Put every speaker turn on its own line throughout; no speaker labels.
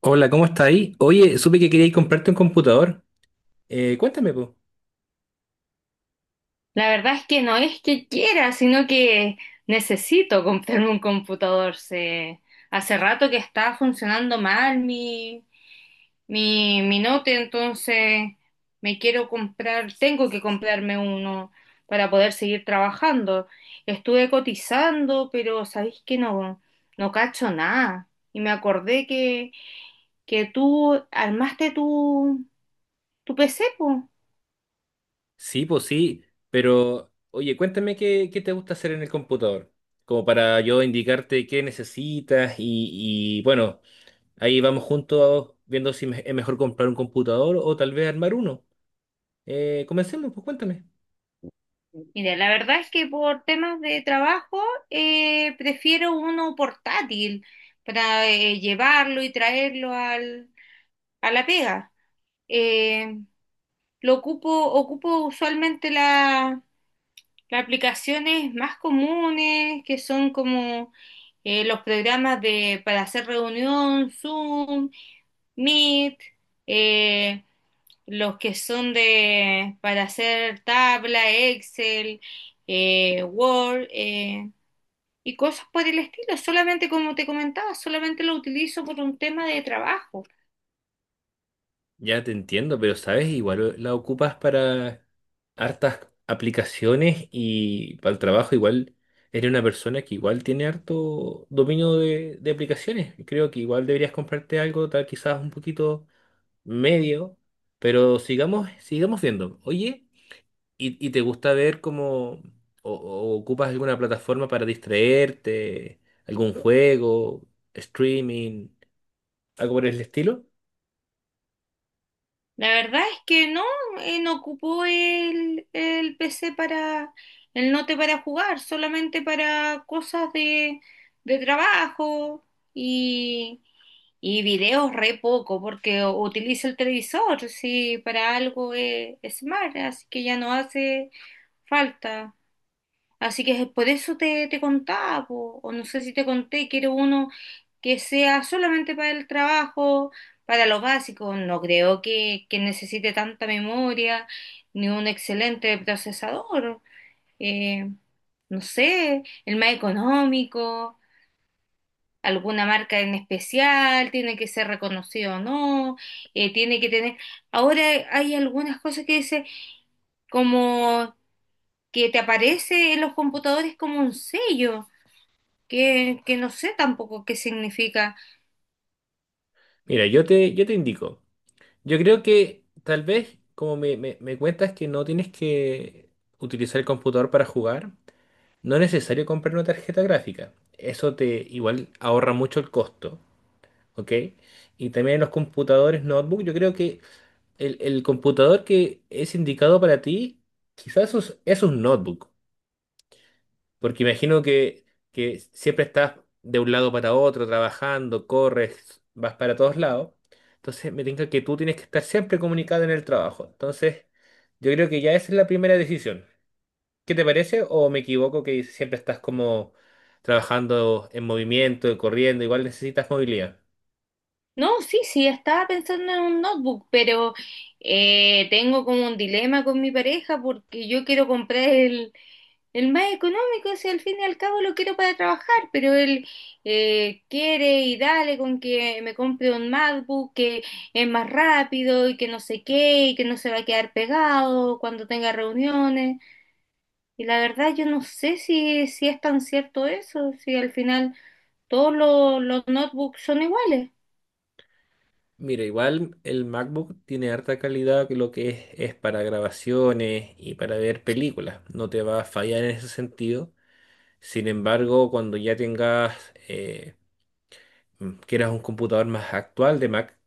Hola, ¿cómo está ahí? Oye, supe que queríais comprarte un computador. Cuéntame, pues.
La verdad es que no es que quiera, sino que necesito comprarme un computador. Hace rato que está funcionando mal mi note, entonces me quiero comprar, tengo que comprarme uno para poder seguir trabajando. Estuve cotizando, pero sabéis que no cacho nada. Y me acordé que tú armaste tu PC, po.
Sí, pues sí, pero oye, cuéntame qué, qué te gusta hacer en el computador, como para yo indicarte qué necesitas y, bueno, ahí vamos juntos viendo si me- es mejor comprar un computador o tal vez armar uno. Comencemos, pues cuéntame.
Mira, la verdad es que por temas de trabajo, prefiero uno portátil para llevarlo y traerlo a la pega. Eh, ocupo usualmente las aplicaciones más comunes, que son como los programas para hacer reunión: Zoom, Meet, eh, los que son para hacer tabla, Excel, Word, y cosas por el estilo. Solamente, como te comentaba, solamente lo utilizo por un tema de trabajo.
Ya te entiendo, pero sabes, igual la ocupas para hartas aplicaciones y para el trabajo igual eres una persona que igual tiene harto dominio de aplicaciones. Creo que igual deberías comprarte algo, tal quizás un poquito medio, pero sigamos, sigamos viendo. Oye, ¿Y te gusta ver como o ocupas alguna plataforma para distraerte, algún juego, streaming, algo por el estilo?
La verdad es que no, no ocupo el PC el note para jugar, solamente para cosas de trabajo, y, y videos re poco, porque utilizo el televisor, sí, para algo es smart, así que ya no hace falta. Así que es por eso te contaba, po, o no sé si te conté, quiero uno que sea solamente para el trabajo, para lo básico. No creo que necesite tanta memoria, ni un excelente procesador. Eh, no sé, el más económico. Alguna marca en especial, ¿tiene que ser reconocido o no? Tiene que tener... Ahora hay algunas cosas que dice, como que te aparece en los computadores como un sello, que no sé tampoco qué significa.
Mira, yo te indico. Yo creo que tal vez, como me cuentas que no tienes que utilizar el computador para jugar, no es necesario comprar una tarjeta gráfica. Eso te igual ahorra mucho el costo, ¿ok? Y también en los computadores notebook, yo creo que el computador que es indicado para ti, es un notebook. Porque imagino que siempre estás de un lado para otro, trabajando, corres, vas para todos lados. Entonces me tinca que tú tienes que estar siempre comunicado en el trabajo. Entonces, yo creo que ya esa es la primera decisión. ¿Qué te parece? ¿O me equivoco que siempre estás como trabajando en movimiento, corriendo? Igual necesitas movilidad.
No, sí, sí, estaba pensando en un notebook, pero tengo como un dilema con mi pareja, porque yo quiero comprar el más económico, si al fin y al cabo lo quiero para trabajar, pero él quiere y dale con que me compre un MacBook, que es más rápido, y que no sé qué, y que no se va a quedar pegado cuando tenga reuniones. Y la verdad, yo no sé si es tan cierto eso, si al final todos los notebooks son iguales.
Mira, igual el MacBook tiene harta calidad que lo que es para grabaciones y para ver películas. No te va a fallar en ese sentido. Sin embargo, cuando ya tengas, quieras un computador más actual de Mac,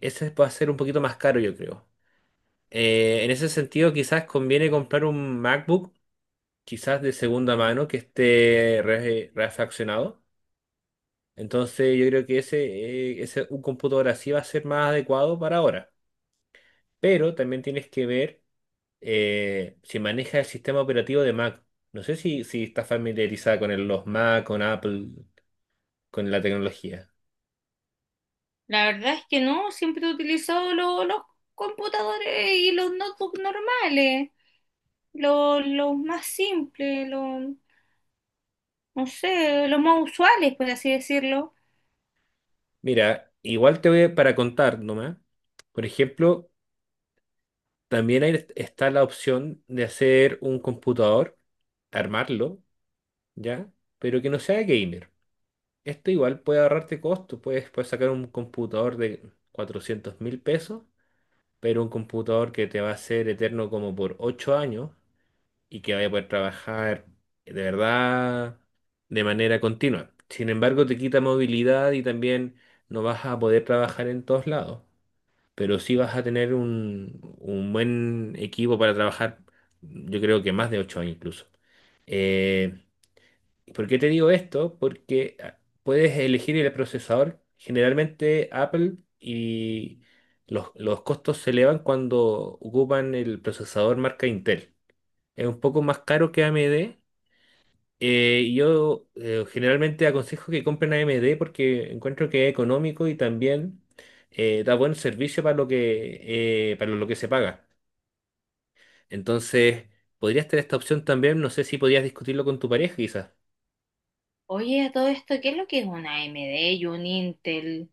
ese va a ser un poquito más caro, yo creo. En ese sentido, quizás conviene comprar un MacBook, quizás de segunda mano, que esté refaccionado. Entonces, yo creo que ese un computador así va a ser más adecuado para ahora. Pero también tienes que ver si maneja el sistema operativo de Mac. No sé si estás familiarizada con los Mac, con Apple, con la tecnología.
La verdad es que no, siempre he utilizado los computadores y los notebooks normales, los más simples, los, no sé, los más usuales, por así decirlo.
Mira, igual para contar nomás. Por ejemplo, también ahí está la opción de hacer un computador, armarlo, ¿ya? Pero que no sea gamer. Esto igual puede ahorrarte costos. Puedes sacar un computador de 400.000 pesos, pero un computador que te va a ser eterno como por 8 años y que vaya a poder trabajar de verdad de manera continua. Sin embargo, te quita movilidad y también no vas a poder trabajar en todos lados. Pero sí vas a tener un buen equipo para trabajar, yo creo que más de 8 años incluso. Eh, ¿Por qué te digo esto? Porque puedes elegir el procesador. Generalmente Apple y los costos se elevan cuando ocupan el procesador marca Intel. Es un poco más caro que AMD, yo generalmente aconsejo que compren AMD porque encuentro que es económico y también da buen servicio para lo que se paga. Entonces, podrías tener esta opción también. No sé si podías discutirlo con tu pareja, quizás.
Oye, a todo esto, ¿qué es lo que es una AMD y un Intel?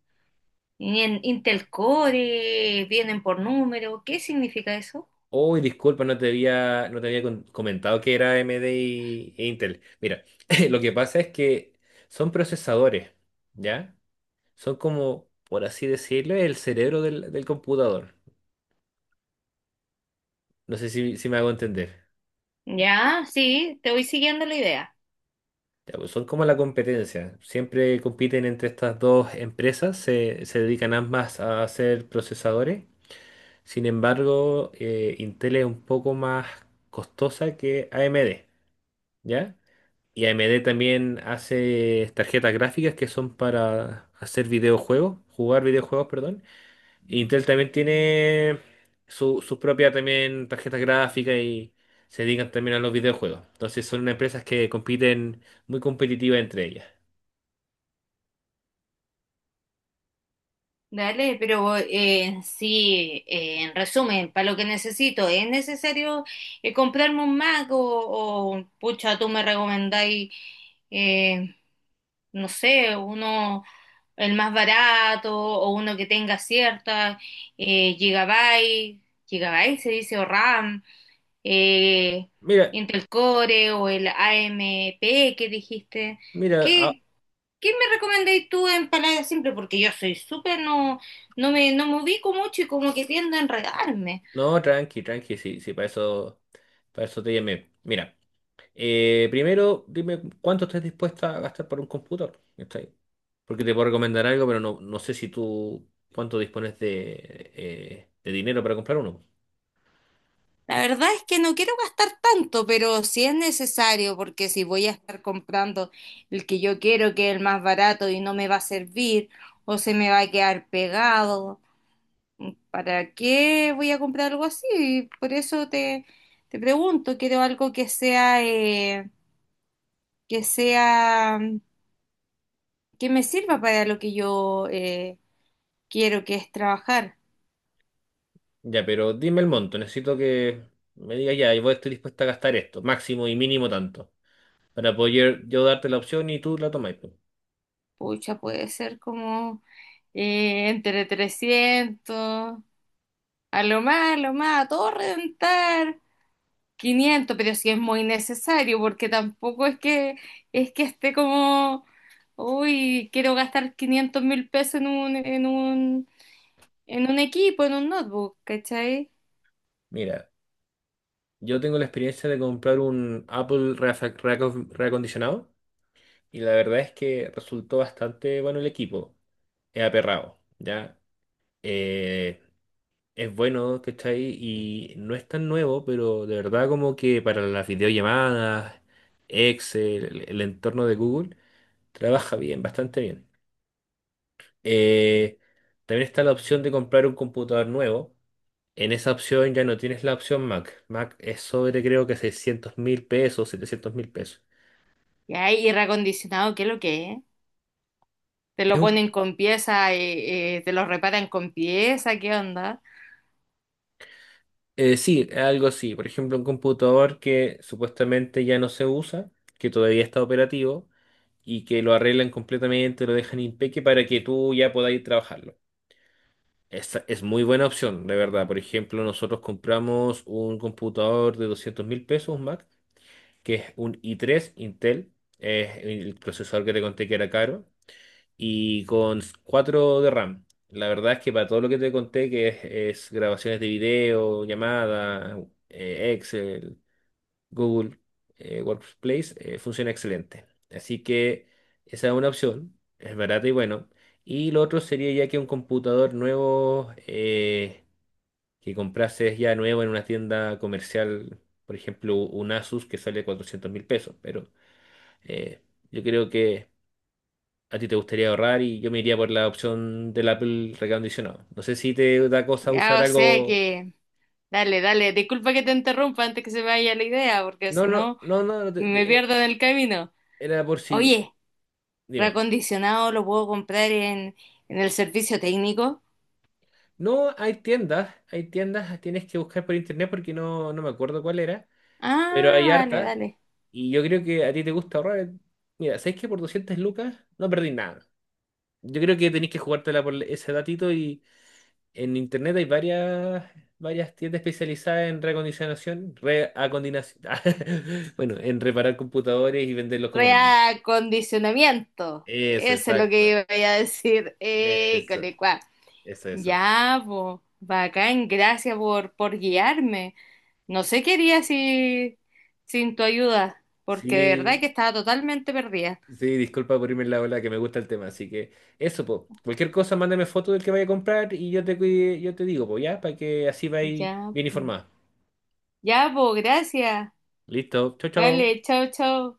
Y en Intel Core, vienen por número, ¿qué significa eso?
Uy, disculpa, no te había comentado que era AMD e Intel. Mira, lo que pasa es que son procesadores, ¿ya? Son como, por así decirlo, el cerebro del computador. No sé si me hago entender.
Ya, sí, te voy siguiendo la idea.
Ya, pues son como la competencia. Siempre compiten entre estas dos empresas, se dedican ambas a hacer procesadores. Sin embargo, Intel es un poco más costosa que AMD, ¿ya? Y AMD también hace tarjetas gráficas que son para hacer videojuegos, jugar videojuegos, perdón. Intel también tiene su propia también tarjeta gráfica y se dedican también a los videojuegos. Entonces son unas empresas que compiten muy competitivas entre ellas.
Dale, pero sí, en resumen, para lo que necesito, ¿es necesario comprarme un Mac, o pucha? Tú me recomendáis, eh, no sé, ¿uno el más barato, o uno que tenga cierta gigabyte, gigabyte se dice, o RAM, eh,
Mira,
Intel Core, o el AMP que dijiste?
mira,
¿Qué, ¿Qué me recomendáis tú en palabras simples? Porque yo soy súper, no, no me ubico mucho y como que tiendo a enredarme.
no, tranqui, tranqui, sí, sí, para eso te llamé. Mira, primero dime cuánto estás dispuesta a gastar por un computador, ¿cachai? Porque te puedo recomendar algo, pero no sé si tú cuánto dispones de dinero para comprar uno.
La verdad es que no quiero gastar tanto, pero si es necesario, porque si voy a estar comprando el que yo quiero, que es el más barato, y no me va a servir, o se me va a quedar pegado, ¿para qué voy a comprar algo así? Por eso te pregunto, quiero algo que sea, que sea que me sirva para lo que yo quiero, que es trabajar.
Ya, pero dime el monto, necesito que me digas ya, yo estoy dispuesta a gastar esto, máximo y mínimo tanto, para poder yo darte la opción y tú la tomáis, pues.
Pucha, puede ser como entre 300, a lo más, a lo más, a todo reventar, 500. Pero si es muy necesario, porque tampoco es que esté como: uy, quiero gastar $500.000 en un, en un equipo, en un notebook, ¿cachai?
Mira, yo tengo la experiencia de comprar un Apple reacondicionado. Y la verdad es que resultó bastante bueno el equipo. Es aperrado, ¿ya? Eh, es bueno, ¿cachai? Y no es tan nuevo, pero de verdad como que para las videollamadas, Excel, el entorno de Google, trabaja bien, bastante bien. Eh, También está la opción de comprar un computador nuevo. En esa opción ya no tienes la opción Mac. Mac es sobre creo que 600 mil pesos, 700.000 pesos.
Y ahí, y acondicionado, ¿qué es lo que es? ¿Te lo ponen con pieza, te lo reparan con pieza? ¿Qué onda?
Sí, algo así. Por ejemplo, un computador que supuestamente ya no se usa, que todavía está operativo y que lo arreglan completamente, lo dejan impeque para que tú ya podáis trabajarlo. Esa es muy buena opción, de verdad. Por ejemplo, nosotros compramos un computador de 200.000 pesos, un Mac, que es un i3 Intel, es el procesador que te conté que era caro y con 4 de RAM. La verdad es que para todo lo que te conté, que es grabaciones de video, llamadas, Excel, Google, Workplace, funciona excelente. Así que esa es una opción, es barata y bueno. Y lo otro sería ya que un computador nuevo que comprases ya nuevo en una tienda comercial, por ejemplo, un Asus que sale 400.000 pesos, pero eh, yo creo que a ti te gustaría ahorrar y yo me iría por la opción del Apple recondicionado. No sé si te da cosa
Ya,
usar
o sea
algo.
que, dale, dale, disculpa que te interrumpa antes que se me vaya la idea, porque
No,
si
no,
no
no, no, no,
me pierdo en el camino.
era por si.
Oye,
Dime.
reacondicionado lo puedo comprar en el servicio técnico.
No, hay tiendas, tienes que buscar por internet porque no me acuerdo cuál era, pero
Ah,
hay
dale,
hartas
dale.
y yo creo que a ti te gusta ahorrar. Mira, ¿sabes que por 200 lucas no perdí nada? Yo creo que tenés que jugártela por ese datito y en internet hay varias tiendas especializadas en reacondinación, bueno, en reparar computadores y venderlos como nuevos.
Reacondicionamiento.
Eso,
Eso es lo que
exacto.
iba a decir.
Eso, eso, eso.
Ya, po, bacán, gracias por guiarme. No sé qué haría sin tu ayuda, porque de verdad
Sí,
que estaba totalmente perdida.
sí, disculpa por irme en la ola que me gusta el tema, así que eso, po. Cualquier cosa, mándame foto del que vaya a comprar y yo te digo, pues ya, para que así vayas
Ya,
bien
po,
informada.
ya, po, gracias.
Listo, chao,
Dale,
chao.
chao, chao.